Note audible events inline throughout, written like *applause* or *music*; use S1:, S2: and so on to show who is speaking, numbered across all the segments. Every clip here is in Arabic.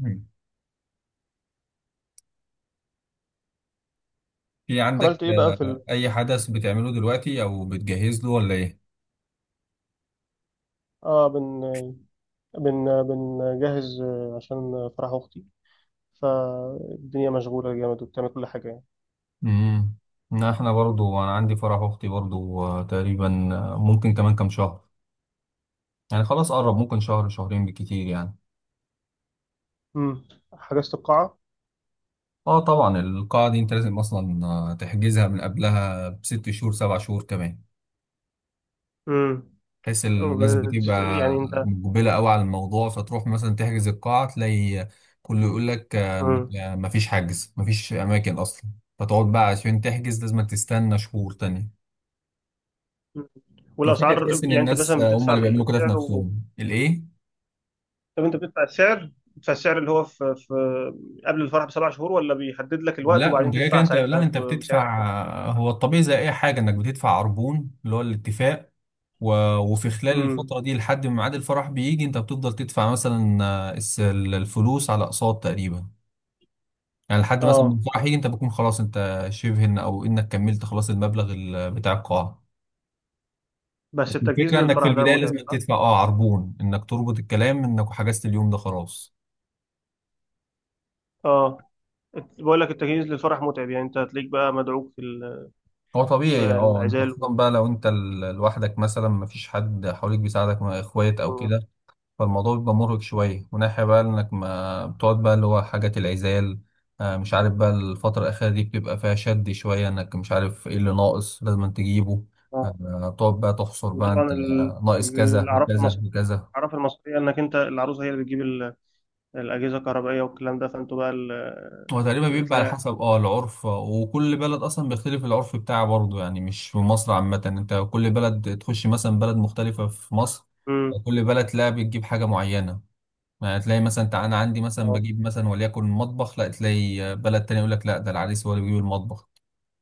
S1: مم. في عندك
S2: عملت ايه بقى
S1: أي حدث بتعمله دلوقتي أو بتجهز له ولا إيه؟
S2: اه بن بن بنجهز، عشان فرح اختي. فالدنيا مشغوله جامد وبتعمل كل حاجه يعني.
S1: امم لا، احنا برضو انا عندي فرح اختي برضو تقريبا ممكن كمان كام شهر. يعني خلاص قرب ممكن شهر شهرين بالكتير يعني.
S2: حجزت القاعه.
S1: اه طبعا القاعة دي أنت لازم أصلا تحجزها من قبلها بست شهور سبع شهور كمان،
S2: امم
S1: بحيث
S2: وب-
S1: الناس بتبقى
S2: يعني انت.
S1: مقبلة قوي على الموضوع، فتروح مثلا تحجز القاعة تلاقي كله يقول لك
S2: امم
S1: مفيش حجز مفيش أماكن أصلا، فتقعد بقى عشان تحجز لازم تستنى شهور تانية. وفجأة
S2: والاسعار
S1: تحس إن
S2: يعني انت
S1: الناس
S2: مثلا
S1: هم
S2: بتدفع
S1: اللي بيعملوا كده في
S2: السعر
S1: نفسهم الإيه؟
S2: طب انت بتدفع السعر، اللي هو في قبل الفرح بـ7 شهور، ولا بيحدد لك الوقت
S1: لا
S2: وبعدين
S1: انت كده كده
S2: تدفع
S1: انت
S2: ساعتها
S1: لا انت
S2: بسعر؟
S1: بتدفع، هو الطبيعي زي اي حاجه انك بتدفع عربون اللي هو الاتفاق و... وفي خلال
S2: امم
S1: الفتره دي لحد ما ميعاد الفرح بيجي انت بتفضل تدفع مثلا الفلوس على اقساط تقريبا. يعني لحد مثلا
S2: اه
S1: من فرحي انت بتكون خلاص انت شبه ان او انك كملت خلاص المبلغ بتاع القاعه. بس
S2: بس التجهيز
S1: الفكره انك في
S2: للفرح ده
S1: البدايه
S2: متعب،
S1: لازم
S2: صح؟
S1: تدفع اه عربون انك تربط الكلام انك حجزت اليوم ده خلاص.
S2: اه بقول لك التجهيز للفرح متعب. يعني انت هتلاقيك بقى مدعوك
S1: هو
S2: في
S1: طبيعي اه انت
S2: العزال
S1: خصوصا بقى لو انت لوحدك مثلا مفيش حد حواليك بيساعدك مع اخوات او كده. فالموضوع بيبقى مرهق شوية، وناحية بقى إنك ما بتقعد بقى اللي هو حاجة العزال. مش عارف بقى الفترة الأخيرة دي بتبقى فيها شد شوية إنك مش عارف إيه اللي ناقص لازم تجيبه.
S2: آه.
S1: بتقعد بقى تحصر بقى أنت
S2: وطبعا
S1: ناقص كذا
S2: الاعراف
S1: وكذا
S2: المصريه،
S1: وكذا.
S2: انك انت العروسه هي اللي بتجيب الاجهزه الكهربائيه والكلام ده، فانتوا بقى
S1: هو تقريبا بيبقى على
S2: تلاقي-
S1: حسب اه العرف، وكل بلد أصلا بيختلف العرف بتاعه برضه. يعني مش في مصر عامة، أنت كل بلد تخش مثلا بلد مختلفة في مصر
S2: مم.
S1: كل بلد تلاقي بتجيب حاجة معينة. ما تلاقي مثلا انا عندي مثلا
S2: اه
S1: بجيب مثلا وليكن مطبخ، لا تلاقي بلد تاني يقول لك لا ده العريس هو اللي بيجيب المطبخ.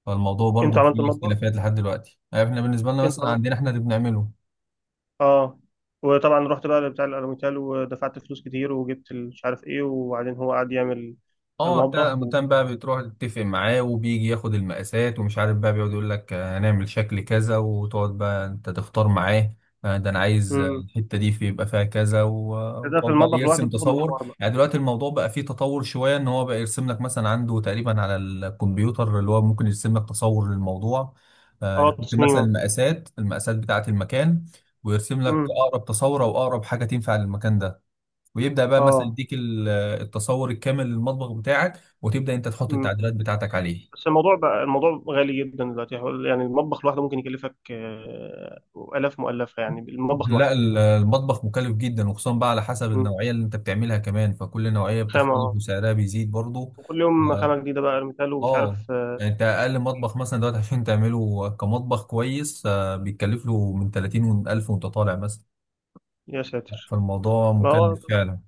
S1: فالموضوع برضو
S2: انتوا عملتوا
S1: فيه
S2: المطبخ.
S1: اختلافات لحد دلوقتي. يعني احنا بالنسبه لنا
S2: انتوا
S1: مثلا عندنا
S2: عملتوا
S1: احنا اللي بنعمله.
S2: اه. وطبعا رحت بقى بتاع الالوميتال ودفعت فلوس كتير، وجبت مش عارف ايه، وبعدين هو قعد يعمل
S1: اه بتاع
S2: المطبخ
S1: العمودان بقى بتروح تتفق معاه وبيجي ياخد المقاسات ومش عارف بقى بيقعد يقول لك هنعمل شكل كذا وتقعد بقى انت تختار معاه ده انا عايز
S2: مم.
S1: الحته دي في يبقى فيها كذا
S2: ده في
S1: وتقعد بقى
S2: المطبخ لوحده
S1: يرسم
S2: بتاخد
S1: تصور.
S2: مشوار بقى.
S1: يعني دلوقتي الموضوع بقى فيه تطور شويه ان هو بقى يرسم لك مثلا عنده تقريبا على الكمبيوتر اللي هو ممكن يرسم لك تصور للموضوع.
S2: اه
S1: يحط
S2: التصميم،
S1: مثلا المقاسات بتاعه المكان ويرسم لك
S2: مم.
S1: اقرب تصور او اقرب حاجه تنفع للمكان ده، ويبدا بقى مثلا
S2: اه،
S1: يديك التصور الكامل للمطبخ بتاعك وتبدا انت تحط
S2: مم.
S1: التعديلات بتاعتك عليه.
S2: بس الموضوع بقى، الموضوع غالي جدا دلوقتي. يعني المطبخ لوحده ممكن يكلفك، آلاف مؤلفة، يعني المطبخ
S1: لا
S2: لوحده.
S1: المطبخ مكلف جدا وخصوصا بقى على حسب
S2: مم.
S1: النوعيه اللي انت بتعملها كمان، فكل نوعيه
S2: خامة
S1: بتختلف
S2: آه.
S1: وسعرها بيزيد برضه.
S2: وكل يوم
S1: اه،
S2: خامة جديدة بقى مثال، ومش
S1: آه،
S2: عارف،
S1: يعني انت اقل مطبخ مثلا دلوقتي عشان تعمله كمطبخ كويس بيتكلف له من 30 ألف وانت طالع مثلا.
S2: يا ساتر.
S1: فالموضوع
S2: ما هو
S1: مكلف
S2: طب-
S1: فعلا.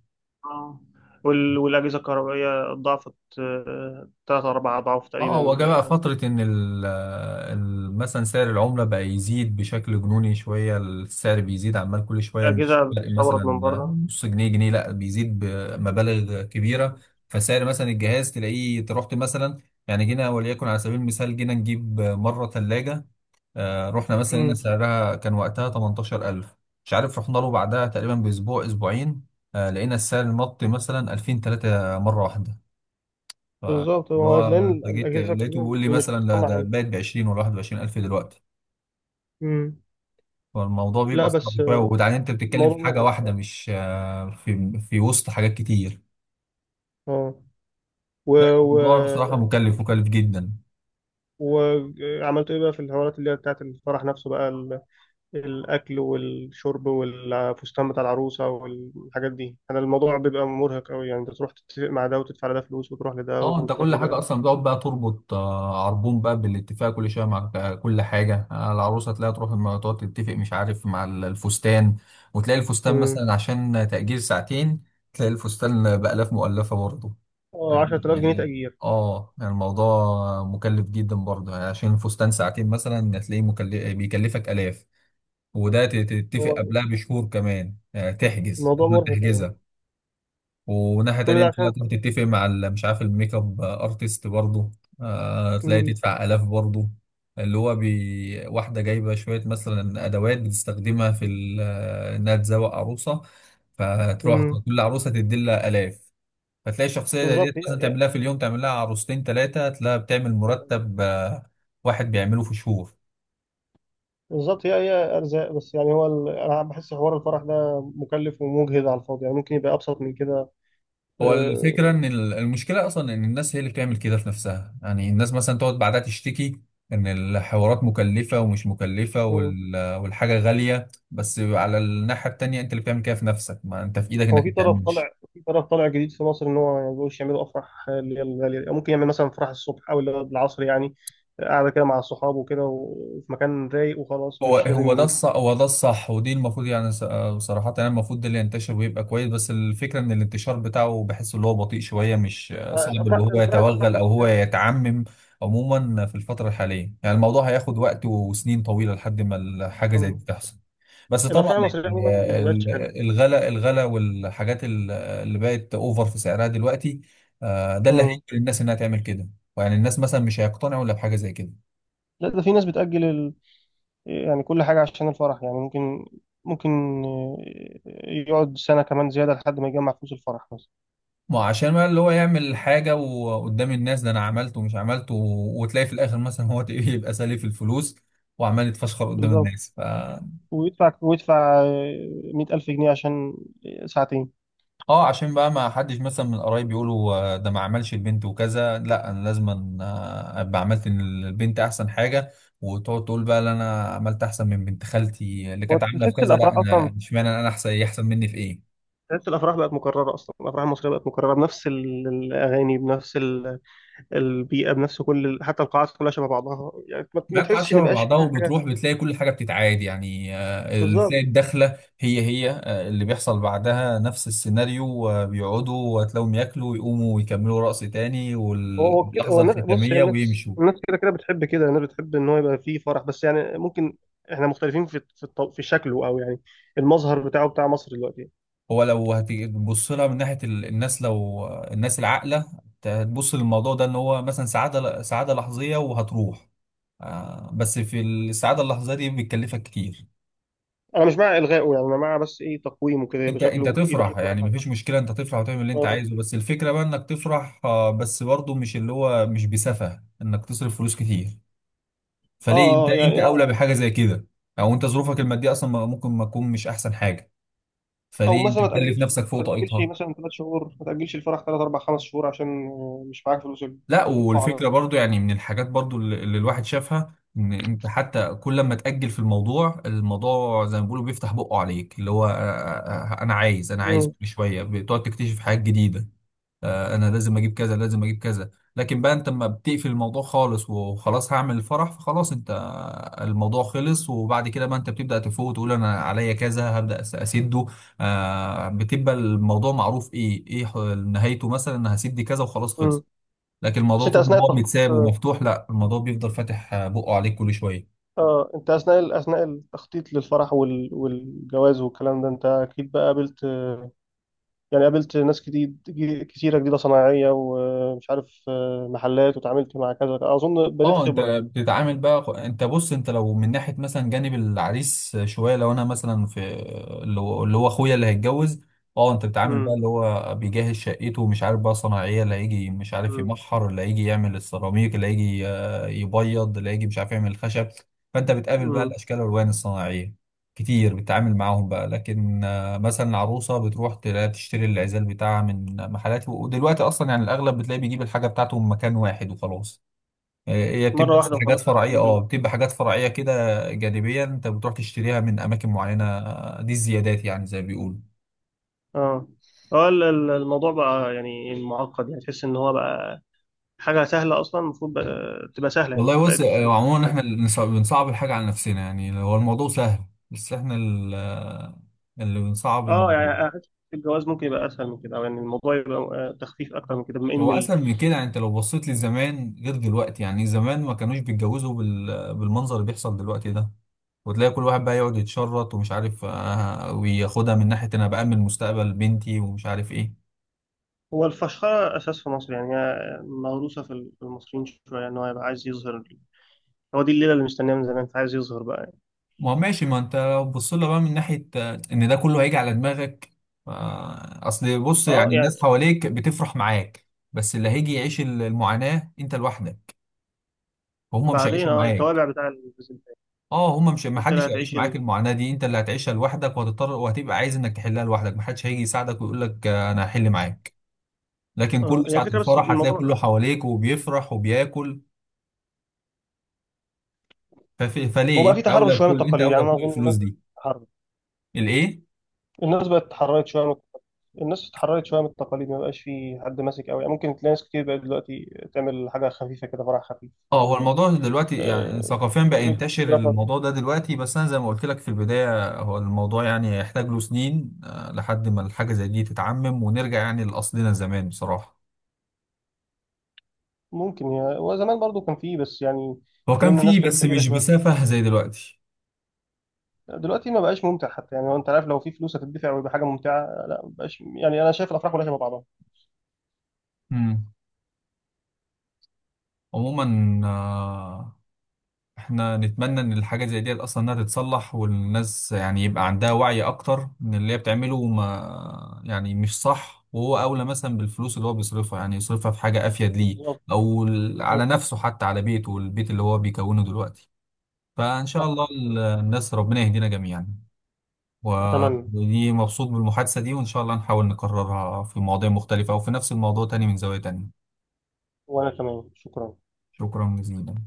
S2: آه. والأجهزة الكهربائية ضعفت، 3 4 أضعاف
S1: اه هو
S2: تقريبا،
S1: جه بقى فترة إن مثلا سعر العملة بقى يزيد بشكل جنوني شوية، السعر بيزيد عمال كل شوية، مش
S2: الأجهزة
S1: تلاقي مثلا
S2: بتستورد من بره.
S1: نص جنيه جنيه لا بيزيد بمبالغ كبيرة. فسعر مثلا الجهاز تلاقيه أنت رحت مثلا. يعني جينا وليكن على سبيل المثال جينا نجيب مرة ثلاجة، رحنا مثلا لقينا
S2: مم.
S1: سعرها كان وقتها 18,000. مش عارف رحنا له بعدها تقريبا بأسبوع أسبوعين لقينا السعر نط مثلا 2000 3 مرة واحدة.
S2: بالظبط،
S1: فاللي
S2: هو
S1: هو
S2: لأن
S1: انت جيت
S2: الأجهزة
S1: لقيته
S2: الكهربائية
S1: بيقول لي
S2: مش
S1: مثلا ده
S2: بتتصنع
S1: ده
S2: هنا.
S1: بقت ب 20 ولا 21 الف دلوقتي.
S2: مم.
S1: فالموضوع
S2: لا،
S1: بيبقى
S2: بس،
S1: صعب شويه، وبعدين انت بتتكلم
S2: الموضوع
S1: في حاجه
S2: مرعب.
S1: واحده مش في في وسط حاجات كتير.
S2: اه، و...
S1: لا الموضوع بصراحه مكلف جدا.
S2: وعملتوا ايه بقى في الحوارات اللي هي بتاعت الفرح نفسه بقى، الاكل والشرب والفستان بتاع العروسه والحاجات دي. انا الموضوع بيبقى مرهق قوي، يعني انت تروح تتفق مع ده وتدفع لده فلوس، وتروح لده
S1: اه انت
S2: وتروح
S1: كل حاجه
S2: لده.
S1: اصلا بتقعد بقى تربط عربون بقى بالاتفاق كل شويه مع كل حاجه العروسه تلاقيها تروح تقعد تتفق مش عارف مع الفستان. وتلاقي الفستان
S2: امم
S1: مثلا عشان تأجير ساعتين تلاقي الفستان بآلاف مؤلفه برضه.
S2: اه، 10,000 جنيه
S1: يعني
S2: تأجير.
S1: اه يعني الموضوع مكلف جدا برضه، يعني عشان الفستان ساعتين مثلا هتلاقيه مكلف بيكلفك آلاف. وده تتفق
S2: هو
S1: قبلها بشهور كمان، يعني تحجز
S2: الموضوع
S1: لازم
S2: مرهق قوي،
S1: تحجزها. وناحية
S2: كل
S1: تانية
S2: ده
S1: تلاقي
S2: عشان.
S1: تروح تتفق مع مش عارف الميك اب ارتست برضه تلاقي
S2: امم
S1: تدفع آلاف برضه. اللي هو بي... واحدة جايبة شوية مثلا أدوات بتستخدمها في إنها تزوق عروسة، فتروح
S2: امم
S1: كل عروسة تدي لها آلاف. فتلاقي الشخصية زي ديت
S2: بالظبط.
S1: مثلا تعملها في اليوم تعملها عروستين ثلاثة، تلاقيها بتعمل
S2: ما شاء الله.
S1: مرتب واحد بيعمله في شهور.
S2: بالظبط، هي ارزاق. بس يعني، انا بحس حوار الفرح ده مكلف ومجهد على الفاضي، يعني ممكن يبقى ابسط من كده.
S1: هو الفكرة
S2: آه،
S1: إن المشكلة أصلا إن الناس هي اللي بتعمل كده في نفسها. يعني الناس مثلا تقعد بعدها تشتكي إن الحوارات مكلفة ومش مكلفة والحاجة غالية، بس على الناحية التانية أنت اللي بتعمل كده في نفسك، ما أنت في إيدك
S2: هو
S1: إنك
S2: في
S1: ما
S2: طرف
S1: تعملش.
S2: طالع، جديد في مصر، ان هو ما يقولش يعملوا افراح اللي هي الغاليه دي. ممكن يعمل مثلا فرح الصبح او اللي هو العصر، يعني قاعده كده مع الصحاب وكده وفي مكان رايق وخلاص،
S1: هو
S2: مش
S1: هو
S2: لازم
S1: ده
S2: يبقى.
S1: الصح هو ده الصح ودي المفروض يعني صراحة يعني المفروض ده اللي ينتشر ويبقى كويس. بس الفكرة ان الانتشار بتاعه بحس اللي هو بطيء شوية، مش صعب اللي
S2: الافراح
S1: هو
S2: بصراحه، الافراح
S1: يتوغل او هو
S2: المصريه.
S1: يتعمم. عموما في الفترة الحالية يعني الموضوع هياخد وقت وسنين طويلة لحد ما الحاجة زي
S2: آه،
S1: دي تحصل. بس طبعا
S2: الافراح
S1: يعني
S2: المصريه عموما ما بقتش حلوه.
S1: الغلا والحاجات اللي بقت اوفر في سعرها دلوقتي ده اللي هيجبر
S2: مم.
S1: الناس انها تعمل كده. يعني الناس مثلا مش هيقتنعوا الا بحاجة زي كده.
S2: لا، ده في ناس بتاجل يعني كل حاجه عشان الفرح، يعني ممكن، ممكن آه، يقعد سنه كمان زياده لحد ما يجمع فلوس الفرح مثلا.
S1: ما هو عشان بقى اللي هو يعمل حاجة وقدام الناس ده أنا عملته ومش عملته، وتلاقي في الآخر مثلا هو *laughs* تلاقيه يبقى سالي في الفلوس وعمال يتفشخر قدام
S2: بالظبط.
S1: الناس ف
S2: ويدفع ويدفع 100,000 جنيه عشان ساعتين.
S1: اه عشان بقى ما حدش مثلا من القرايب يقولوا ده ما عملش البنت وكذا، لا أنا لازم أبقى عملت البنت أحسن حاجة. وتقعد تقول بقى لا أنا عملت أحسن من بنت خالتي اللي
S2: هو
S1: كانت عاملة في
S2: تحس
S1: كذا، لا
S2: الافراح اصلا
S1: أنا اشمعنى، أنا أحسن، هي أحسن مني في إيه.
S2: تحس الافراح بقت مكرره اصلا. الافراح المصريه بقت مكرره بنفس الاغاني، بنفس البيئه، بنفس كل حتى القاعات كلها شبه بعضها، يعني ما
S1: مواقع
S2: تحسش ان
S1: شبه
S2: بقاش
S1: بعضها،
S2: فيها حاجه.
S1: وبتروح بتلاقي كل حاجه بتتعاد، يعني
S2: بالظبط.
S1: تلاقي الدخله هي هي اللي بيحصل بعدها نفس السيناريو بيقعدوا وتلاقيهم ياكلوا ويقوموا ويكملوا رقص تاني
S2: هو كده. هو
S1: واللحظه
S2: الناس، بص، هي
S1: الختاميه
S2: الناس،
S1: ويمشوا.
S2: كده كده بتحب كده. الناس بتحب ان هو يبقى فيه فرح، بس يعني ممكن احنا مختلفين في في شكله، او يعني المظهر بتاعه، بتاع مصر دلوقتي.
S1: هو لو هتبص لها من ناحيه الناس لو الناس العاقله هتبص للموضوع ده ان هو مثلا سعاده سعاده لحظيه وهتروح، بس في السعاده اللحظيه دي بتكلفك كتير.
S2: انا مش مع الغائه، يعني انا مع بس ايه، تقويمه كده، يبقى
S1: انت
S2: شكله،
S1: تفرح يعني
S2: اخف.
S1: مفيش مشكله انت تفرح وتعمل اللي انت
S2: اه،
S1: عايزه، بس الفكره بقى انك تفرح بس برضه مش اللي هو مش بسفه انك تصرف فلوس كتير.
S2: اه،
S1: فليه انت انت
S2: يعني،
S1: اولى بحاجه زي كده. او انت ظروفك الماديه اصلا ممكن ما تكون مش احسن حاجه،
S2: او
S1: فليه انت
S2: مثلا
S1: تكلف نفسك
S2: ما
S1: فوق
S2: تاجلش
S1: طاقتها.
S2: مثلا 3 شهور، ما تاجلش الفرح ثلاث اربع خمس شهور عشان، مش معاك فلوس.
S1: لا
S2: القاعه
S1: والفكره
S2: مثلا.
S1: برضه يعني من الحاجات برضه اللي الواحد شافها ان انت حتى كل ما تاجل في الموضوع، الموضوع زي ما بيقولوا بيفتح بقه عليك اللي هو انا عايز
S2: مم.
S1: كل شويه بتقعد تكتشف حاجات جديده انا لازم اجيب كذا لازم اجيب كذا. لكن بقى انت لما بتقفل الموضوع خالص وخلاص هعمل الفرح فخلاص انت الموضوع خلص، وبعد كده بقى انت بتبدأ تفوق وتقول انا عليا كذا هبدأ اسده. آه بتبقى الموضوع معروف ايه نهايته، مثلا انا هسد دي كذا وخلاص
S2: مم.
S1: خلص. لكن
S2: بس
S1: الموضوع
S2: انت
S1: طول
S2: اثناء
S1: ما هو
S2: التخطيط،
S1: متساب
S2: اه،
S1: ومفتوح لا الموضوع بيفضل فاتح بقه عليك كل شوية.
S2: انت اثناء، التخطيط للفرح وال والجواز والكلام ده، انت اكيد بقى قابلت، يعني قابلت ناس كتيره جديده صناعيه، ومش عارف، محلات، وتعاملت مع كذا. اظن بنيت
S1: اه انت
S2: خبره يعني.
S1: بتتعامل بقى، انت بص انت لو من ناحيه مثلا جانب العريس شويه، لو انا مثلا في اللي هو اخويا اللي هيتجوز. اه انت بتتعامل بقى
S2: مم.
S1: اللي هو بيجهز شقته، ومش عارف بقى صناعيه اللي هيجي مش عارف
S2: مم.
S1: يمحر، اللي هيجي يعمل السيراميك، اللي هيجي يبيض، اللي هيجي مش عارف يعمل الخشب. فانت بتقابل بقى
S2: مم.
S1: الاشكال والالوان الصناعيه كتير بتتعامل معاهم بقى. لكن مثلا العروسه بتروح تلاقي تشتري العزال بتاعها من محلات، ودلوقتي اصلا يعني الاغلب بتلاقي بيجيب الحاجه بتاعته من مكان واحد وخلاص. هي
S2: مره
S1: بتبقى بس
S2: واحده
S1: حاجات
S2: وخلاص
S1: فرعية،
S2: بتجيب
S1: اه بتبقى حاجات فرعية كده جانبية انت بتروح تشتريها من اماكن معينة، دي الزيادات يعني زي ما بيقولوا.
S2: اه، هو الموضوع بقى يعني معقد، يعني تحس ان هو بقى حاجة سهلة أصلا، المفروض تبقى سهلة، يعني
S1: والله بص،
S2: بقت.
S1: عموما احنا اللي بنصعب الحاجة على نفسنا، يعني هو الموضوع سهل، بس احنا اللي بنصعب
S2: اه،
S1: الموضوع.
S2: يعني أحس الجواز ممكن يبقى اسهل من كده، او يعني الموضوع يبقى، تخفيف اكتر من كده، بما ان
S1: هو اسهل من كده، يعني انت لو بصيت لزمان غير دلوقتي، يعني زمان ما كانوش بيتجوزوا بالمنظر اللي بيحصل دلوقتي ده. وتلاقي كل واحد بقى يقعد يتشرط ومش عارف وياخدها من ناحية انا بأمن مستقبل بنتي ومش عارف ايه.
S2: هو الفشخره اساس في مصر، يعني هي موروثه في المصريين شويه، ان هو يبقى عايز يظهر. هو دي الليله اللي مستنيها من زمان، فعايز يظهر بقى يعني.
S1: ما هو ماشي ما انت لو بص لها بقى من ناحية ان ده كله هيجي على دماغك، اصل بص
S2: اه،
S1: يعني الناس
S2: يعني
S1: حواليك بتفرح معاك، بس اللي هيجي يعيش المعاناة انت لوحدك وهم مش
S2: بعدين،
S1: هيعيشوا معاك.
S2: التوابع بتاع
S1: اه هم مش، ما
S2: انت اللي
S1: حدش هيعيش
S2: هتعيش
S1: معاك المعاناة دي، انت اللي هتعيشها لوحدك وهتضطر وهتبقى عايز انك تحلها لوحدك، ما حدش هيجي يساعدك ويقول لك انا هحل معاك. لكن
S2: اه،
S1: كله
S2: يعني
S1: ساعة
S2: الفكره، بس
S1: الفرح هتلاقي كله
S2: الموضوع.
S1: حواليك وبيفرح وبياكل.
S2: هو
S1: فليه
S2: بقى فيه
S1: انت
S2: تحرر
S1: اولى
S2: شويه من
S1: بكل انت
S2: التقاليد،
S1: اولى
S2: يعني انا
S1: بكل
S2: اظن
S1: الفلوس
S2: الناس بقت
S1: دي.
S2: تتحرر.
S1: الايه؟
S2: الناس بقت اتحررت شويه، من التقاليد. ما بقاش في حد ماسك قوي، يعني ممكن تلاقي ناس كتير بقت دلوقتي تعمل حاجه خفيفه كده، فرح خفيف.
S1: اه هو الموضوع دلوقتي يعني
S2: آه،
S1: ثقافيا بقى ينتشر
S2: آه،
S1: الموضوع ده دلوقتي، بس انا زي ما قلت لك في البدايه هو الموضوع يعني يحتاج له سنين لحد ما الحاجه زي دي تتعمم ونرجع يعني لاصلنا زمان بصراحه.
S2: ممكن، يعني، وزمان برضو كان فيه، بس يعني
S1: هو كان
S2: كمان الناس
S1: فيه
S2: كانت
S1: بس
S2: فقيره
S1: مش
S2: شويه.
S1: بسفه زي دلوقتي.
S2: دلوقتي ما بقاش ممتع حتى، يعني هو انت عارف، لو في فلوس هتدفع ويبقى حاجه ممتعه، لا، ما بقاش. يعني انا شايف الافراح كلها شبه بعضها.
S1: امم عموما احنا نتمنى ان الحاجة زي دي اصلا انها تتصلح، والناس يعني يبقى عندها وعي اكتر ان اللي هي بتعمله ما يعني مش صح، وهو اولى مثلا بالفلوس اللي هو بيصرفها، يعني يصرفها في حاجة افيد ليه
S2: بالظبط.
S1: او على
S2: بالظبط.
S1: نفسه حتى على بيته والبيت اللي هو بيكونه دلوقتي. فان شاء
S2: صح.
S1: الله الناس ربنا يهدينا جميعا. و-
S2: اتمنى.
S1: ودي مبسوط بالمحادثة دي، وان شاء الله نحاول نكررها في مواضيع مختلفة او في نفس الموضوع تاني من زاوية تانية.
S2: وانا كمان، شكرا.
S1: شكرا جزيلا.